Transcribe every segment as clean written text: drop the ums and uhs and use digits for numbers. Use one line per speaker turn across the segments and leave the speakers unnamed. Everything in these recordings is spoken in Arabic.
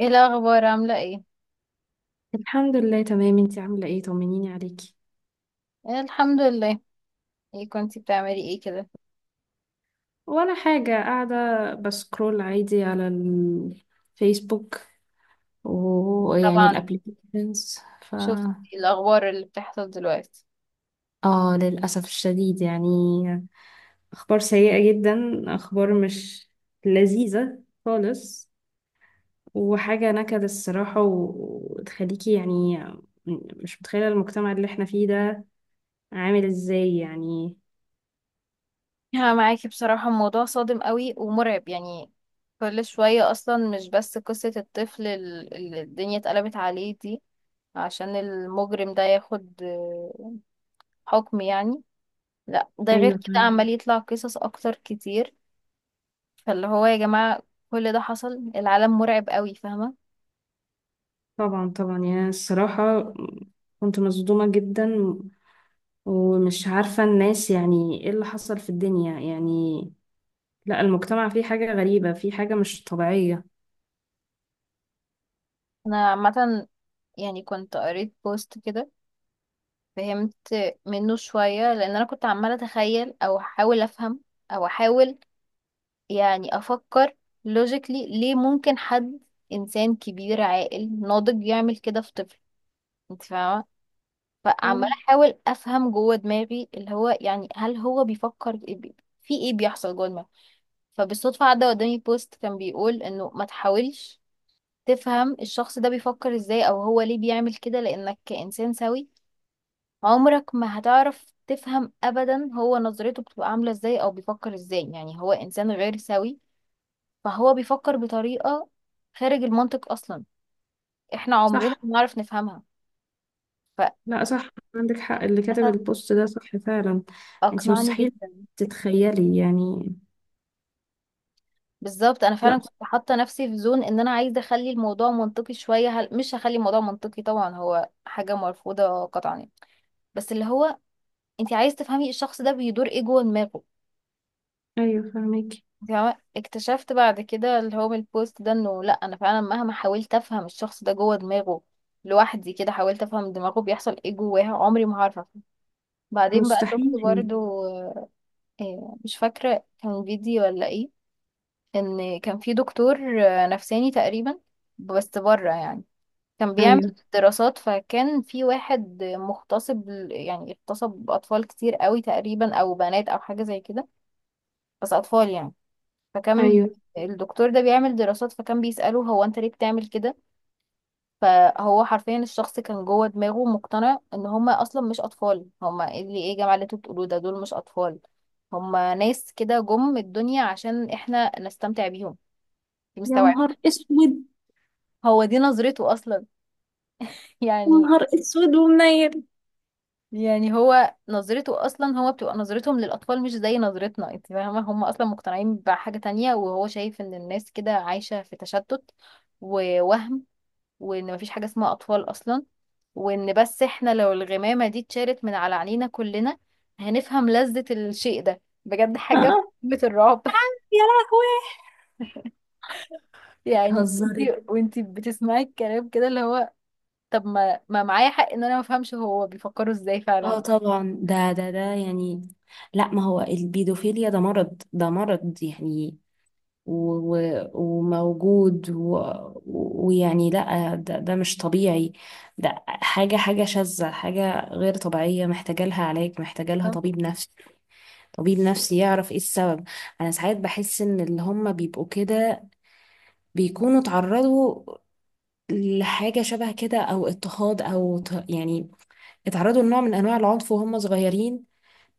ايه الاخبار؟ عامله ايه؟
الحمد لله، تمام. انتي عاملة ايه؟ طمنيني عليكي.
إيه، الحمد لله. ايه كنتي بتعملي ايه كده؟
ولا حاجة، قاعدة بسكرول عادي على الفيسبوك ويعني
طبعا.
الابليكيشنز. ف
شفت الاخبار اللي بتحصل دلوقتي؟
اه، للأسف الشديد، يعني أخبار سيئة جدا، أخبار مش لذيذة خالص. وحاجة نكد الصراحة، وتخليكي يعني مش متخيلة المجتمع اللي احنا فيه ده عامل ازاي يعني.
ها، معاكي بصراحه، الموضوع صادم قوي ومرعب يعني. كل شويه اصلا، مش بس قصه الطفل اللي الدنيا اتقلبت عليه دي عشان المجرم ده ياخد حكم يعني. لا، ده غير
أيوة.
كده عمال يطلع قصص اكتر كتير. فاللي هو يا جماعه، كل ده حصل، العالم مرعب قوي، فاهمه.
طبعا، طبعا، يعني الصراحة كنت مصدومة جدا، ومش عارفة الناس، يعني ايه اللي حصل في الدنيا يعني. لا، المجتمع فيه حاجة غريبة، فيه حاجة مش طبيعية.
انا عامه يعني كنت قريت بوست كده، فهمت منه شوية، لأن أنا كنت عمالة أتخيل أو أحاول أفهم أو أحاول يعني أفكر لوجيكلي ليه ممكن حد إنسان كبير عاقل ناضج يعمل كده في طفل، أنت فاهمة. فعمالة
مم.
أحاول أفهم جوه دماغي اللي هو، يعني هل هو بيفكر في إيه، في إيه بيحصل جوه دماغه. فبالصدفة عدى قدامي بوست كان بيقول إنه ما تحاولش تفهم الشخص ده بيفكر إزاي أو هو ليه بيعمل كده، لأنك كإنسان سوي عمرك ما هتعرف تفهم ابدا، هو نظرته بتبقى عامله ازاي او بيفكر ازاي، يعني هو انسان غير سوي، فهو بيفكر بطريقه خارج المنطق اصلا، احنا عمرنا
صح.
ما نعرف نفهمها.
لا، صح، عندك حق، اللي كتب
فللاسف
البوست ده صح فعلا. انت
اقنعني
مستحيل
جدا.
تتخيلي يعني.
بالظبط، انا
لا.
فعلا كنت حاطه نفسي في زون ان انا عايزه اخلي الموضوع منطقي شويه، مش هخلي الموضوع منطقي، طبعا هو حاجه مرفوضه قطعا يعني. بس اللي هو انت عايز تفهمي الشخص ده بيدور ايه جوه دماغه.
ايوه، فاهمك.
تمام، اكتشفت بعد كده اللي هو من البوست ده انه لا، انا فعلا مهما حاولت افهم الشخص ده جوه دماغه لوحدي كده، حاولت افهم دماغه بيحصل ايه جواها، عمري ما هعرف أفهم. بعدين بقى شفت
مستحيل.
برضو، مش فاكرة كان فيديو ولا ايه، ان كان في دكتور نفساني تقريبا بس بره يعني، كان بيعمل
ايوه،
دراسات، فكان في واحد مغتصب يعني اغتصب اطفال كتير قوي تقريبا، او بنات او حاجة زي كده بس اطفال يعني. فكان
ايوه.
الدكتور ده بيعمل دراسات، فكان بيسأله هو انت ليه بتعمل كده، فهو حرفيا الشخص كان جوه دماغه مقتنع ان هما اصلا مش اطفال، هما إيه اللي ايه يا جماعة اللي انتوا بتقولوه ده، دول مش اطفال، هما ناس كده جم الدنيا عشان احنا نستمتع بيهم، دي
يا
مستوعب.
نهار اسود!
هو دي نظرته اصلا
يا
يعني.
نهار اسود ومنيل!
يعني هو نظرته اصلا، هو بتبقى نظرتهم للاطفال مش زي نظرتنا، انت فاهمه، هم اصلا مقتنعين بحاجه تانية، وهو شايف ان الناس كده عايشه في تشتت ووهم، وان مفيش حاجة اسمها اطفال اصلا، وان بس احنا لو الغمامة دي اتشالت من على عينينا كلنا هنفهم لذة الشيء ده بجد، حاجة
آه.
في قمة الرعب.
يا لهوي!
يعني
بتهزري؟
انتي، وانتي بتسمعي الكلام كده اللي هو، طب ما معايا حق ان انا ما افهمش هو بيفكروا ازاي
اه،
فعلا.
طبعا. ده يعني، لا، ما هو البيدوفيليا ده مرض، ده مرض يعني. و- وموجود، ويعني لا، ده مش طبيعي. ده حاجة شاذة، حاجة غير طبيعية، محتاجة لها علاج، محتاجة لها طبيب نفسي. طبيب نفسي يعرف ايه السبب. انا ساعات بحس ان اللي هم بيبقوا كده بيكونوا اتعرضوا لحاجة شبه كده، او اضطهاد، او يعني اتعرضوا لنوع من انواع العنف وهم صغيرين،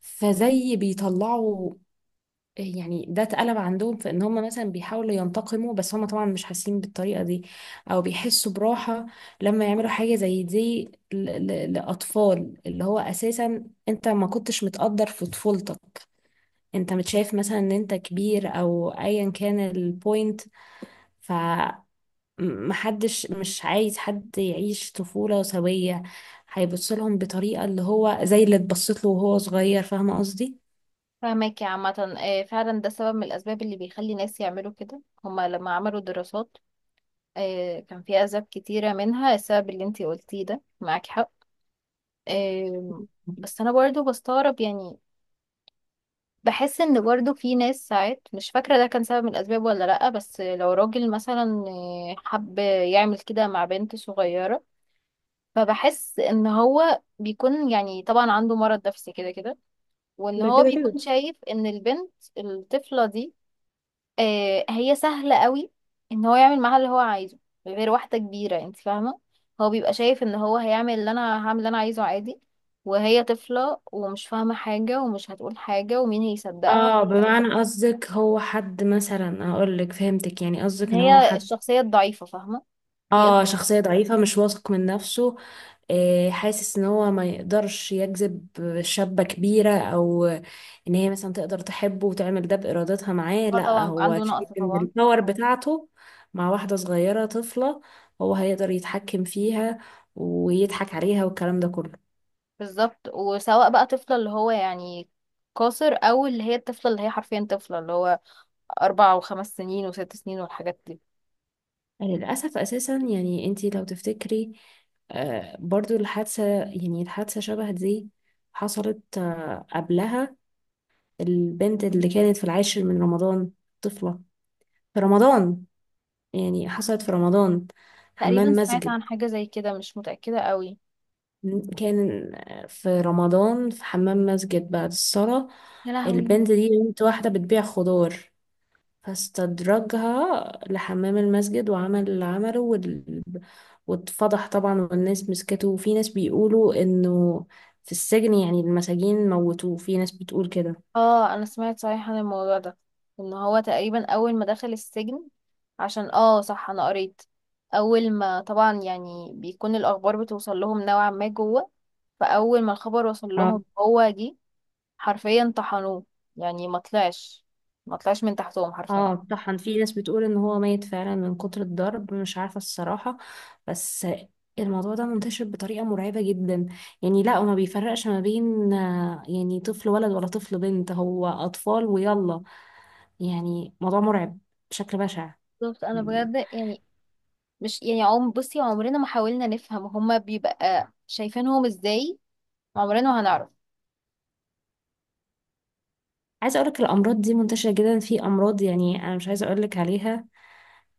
فزي بيطلعوا يعني. ده اتقلب عندهم في ان هم مثلا بيحاولوا ينتقموا، بس هم طبعا مش حاسين بالطريقة دي، او بيحسوا براحة لما يعملوا حاجة زي دي لأطفال. اللي هو اساسا انت ما كنتش متقدر في طفولتك، انت متشايف مثلا ان انت كبير، او ايا كان البوينت. ف محدش، مش عايز حد يعيش طفولة سوية، هيبص لهم بطريقة اللي هو زي اللي اتبصت له وهو صغير. فاهمة قصدي؟
فاهمك يا عامة، فعلا ده سبب من الأسباب اللي بيخلي ناس يعملوا كده. هما لما عملوا دراسات كان في أسباب كتيرة منها السبب اللي انتي قلتيه ده، معاك حق. آم، بس أنا برضو بستغرب يعني، بحس ان برضو في ناس ساعات، مش فاكرة ده كان سبب من الاسباب ولا لأ، بس لو راجل مثلا حب يعمل كده مع بنت صغيرة فبحس ان هو بيكون، يعني طبعا عنده مرض نفسي كده كده، وان
ده
هو
كده كده.
بيكون شايف ان البنت الطفلة دي هي سهلة قوي ان هو يعمل معاها اللي هو عايزه، غير واحدة كبيرة، انت فاهمة، هو بيبقى شايف ان هو هيعمل اللي انا هعمل اللي انا عايزه عادي، وهي طفلة ومش فاهمة حاجة ومش هتقول حاجة ومين هيصدقها،
اه، بمعنى قصدك هو حد مثلا، اقول لك فهمتك يعني، قصدك ان هو
هي
حد.
الشخصية الضعيفة، فاهمة. يقدر،
اه، شخصية ضعيفة، مش واثق من نفسه. آه، حاسس ان هو ما يقدرش يجذب شابة كبيرة، او ان هي مثلا تقدر تحبه وتعمل ده بارادتها معاه.
اه
لا،
طبعا، يبقى
هو
عنده
شايف
نقص
ان
طبعا.
الباور بتاعته مع واحدة صغيرة طفلة، هو هيقدر يتحكم فيها ويضحك عليها والكلام ده كله.
بالظبط، وسواء بقى طفلة اللي هو يعني قاصر، او اللي هي الطفلة اللي هي حرفيا طفلة اللي هو 4 و5 سنين وست سنين والحاجات دي.
للأسف أساسا يعني، أنتي لو تفتكري، برضو الحادثة، يعني الحادثة شبه دي حصلت قبلها. البنت اللي كانت في العاشر من رمضان، طفلة، في رمضان، يعني حصلت في رمضان، حمام
تقريبا سمعت
مسجد.
عن حاجة زي كده، مش متأكدة قوي.
كان في رمضان، في حمام مسجد، بعد الصلاة.
يا لهوي.
البنت دي بنت واحدة بتبيع خضار، فاستدرجها لحمام المسجد وعمل اللي عمله واتفضح طبعا، والناس مسكته، وفي ناس بيقولوا انه في السجن، يعني المساجين موتوه، في ناس بتقول كده.
اه، انا سمعت صحيح عن الموضوع ده، ان هو تقريبا اول ما دخل السجن، عشان اه صح، انا قريت، اول ما طبعا يعني بيكون الاخبار بتوصل لهم نوعا ما جوه، فاول ما الخبر وصل
اه،
لهم هو جه حرفيا طحنوه، يعني ما طلعش من تحتهم حرفيا.
اه، طحن. في ناس بتقول ان هو ميت فعلا من كتر الضرب، مش عارفة الصراحة. بس الموضوع ده منتشر بطريقة مرعبة جدا يعني. لا، وما بيفرقش ما بين يعني طفل ولد ولا طفل بنت، هو أطفال ويلا. يعني موضوع مرعب بشكل بشع.
بالظبط، انا بجد يعني، مش يعني عم بصي، عمرنا ما حاولنا نفهم هما بيبقى شايفينهم ازاي، عمرنا ما هنعرف.
عايزه اقولك الامراض دي منتشره جدا، في امراض يعني انا مش عايزه اقولك عليها،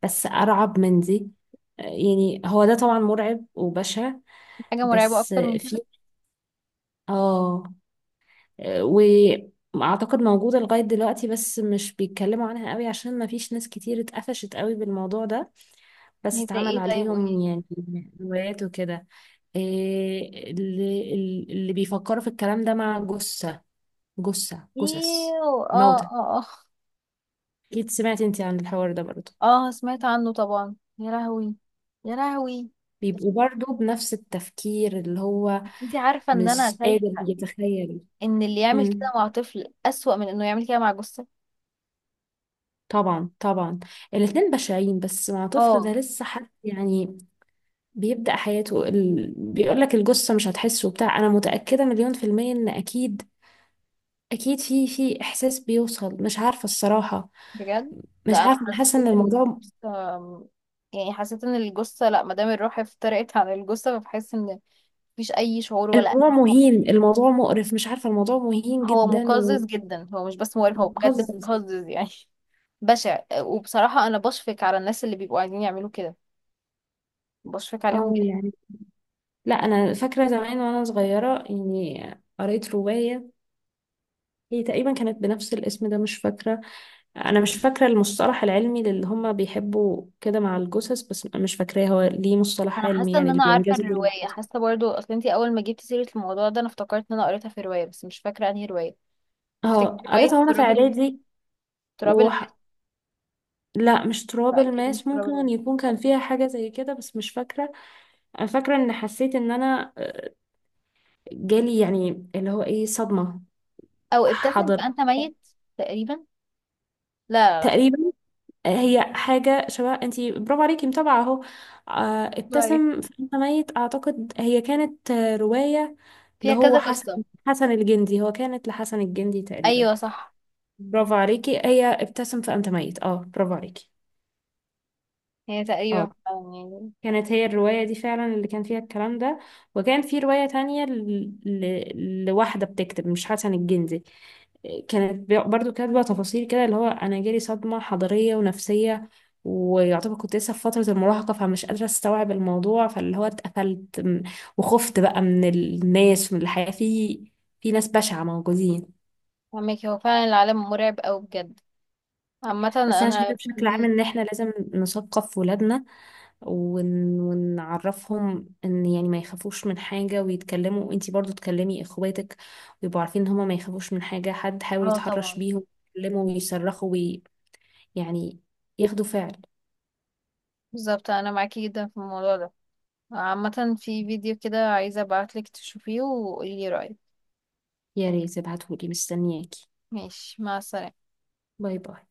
بس ارعب من دي. يعني هو ده طبعا مرعب وبشع،
حاجة مرعبة
بس
اكتر من كده؟
في اه آه، واعتقد موجوده لغايه دلوقتي، بس مش بيتكلموا عنها قوي عشان ما فيش ناس كتير اتقفشت قوي بالموضوع ده، بس
هي زي
اتعمل
ايه؟ طيب
عليهم
قولي.
يعني روايات وكده. إيه اللي بيفكروا في الكلام ده، مع جثه، جثث
ايوه، اه،
الموتى.
اه.
اكيد سمعتي انت عن الحوار ده برضه.
اه، اه، سمعت عنه طبعا، يا لهوي، يا لهوي.
بيبقوا برضو بنفس التفكير، اللي هو
انتي عارفة ان
مش
انا
قادر
شايفة
يتخيل.
ان اللي يعمل
امم.
كده مع طفل اسوأ من انه يعمل كده مع جثة.
طبعا، طبعا. الاتنين بشعين، بس مع طفل ده
اه،
لسه حد يعني بيبدأ حياته. بيقول لك الجثة مش هتحسه بتاع. انا متأكدة مليون% ان اكيد، اكيد في احساس بيوصل، مش عارفة الصراحة.
بجد.
مش
لا، انا
عارفة، انا حاسة
حسيت
ان
ان
الموضوع
الجثة- يعني حسيت ان الجثه لا، ما دام الروح افترقت عن الجثه فبحس ان مفيش اي شعور ولا.
الموضوع مهين، الموضوع مقرف، مش عارفة، الموضوع مهين
هو
جدا
مقزز جدا، هو مش بس مقرف، هو بجد
ومقزز.
مقزز يعني بشع. وبصراحه انا بشفق على الناس اللي بيبقوا عايزين يعملوا كده، بشفق عليهم
اه،
جدا.
يعني لا، انا فاكره زمان وانا صغيره يعني، قريت روايه، هي تقريبا كانت بنفس الاسم ده، مش فاكره. انا مش فاكره المصطلح العلمي اللي هم بيحبوا كده مع الجثث، بس مش فاكراه. هو ليه مصطلح
انا
علمي
حاسه ان
يعني، اللي
انا عارفه
بينجذب
الروايه،
للجثث.
حاسه برضو، اصل انتي اول ما جبتي سيره الموضوع ده انا افتكرت ان انا قريتها في روايه، بس مش فاكره انهي روايه. تفتكر
اه،
روايه
قريتها وانا في اعدادي.
تراب الماس؟
وح... لا، مش تراب
لا، اكيد مش
الماس،
تراب
ممكن
الماس.
يكون كان فيها حاجه زي كده، بس مش فاكره. انا فاكره ان حسيت ان انا جالي يعني اللي هو، ايه، صدمه.
او ابتسم
حضر.
فانت ميت؟ تقريبا. لا، لا، لا.
تقريبا. هي حاجة شبه، انتي برافو عليكي متابعة اهو.
طيب،
ابتسم فانت ميت، اعتقد هي كانت رواية، اللي
فيها
هو
كذا
حسن
قصة.
حسن الجندي، هو كانت لحسن الجندي تقريبا.
ايوه، صح.
برافو عليكي! هي ابتسم فانت ميت. اه، برافو عليكي!
هي
اه،
تقريبا فعلا يعني.
كانت هي الرواية دي فعلا اللي كان فيها الكلام ده. وكان في رواية تانية لواحدة بتكتب، مش حسن الجندي. كانت برضو كاتبة تفاصيل كده، اللي هو أنا جالي صدمة حضارية ونفسية، ويعتبر كنت لسه في فترة المراهقة، فمش قادرة استوعب الموضوع، فاللي هو اتقفلت، وخفت بقى من الناس، من الحياة، في ناس بشعة موجودين.
فهمك، هو فعلا العالم مرعب اوي بجد. عامة
بس انا شايفه
انا
بشكل عام
في.
ان احنا لازم نثقف ولادنا ونعرفهم ان يعني ما يخافوش من حاجه ويتكلموا، وانتي برضو تكلمي اخواتك، ويبقوا عارفين ان هما ما يخافوش من حاجه. حد حاول
اه
يتحرش
طبعا.
بيهم، يتكلموا ويصرخوا يعني ياخدوا فعل.
بالظبط، انا معاكي جدا في الموضوع ده. عامة في فيديو كده عايزة ابعتلك تشوفيه وقولي رأيك.
يا ريت ابعتهولي، مستنياكي.
ماشي، مع السلامة.
باي باي.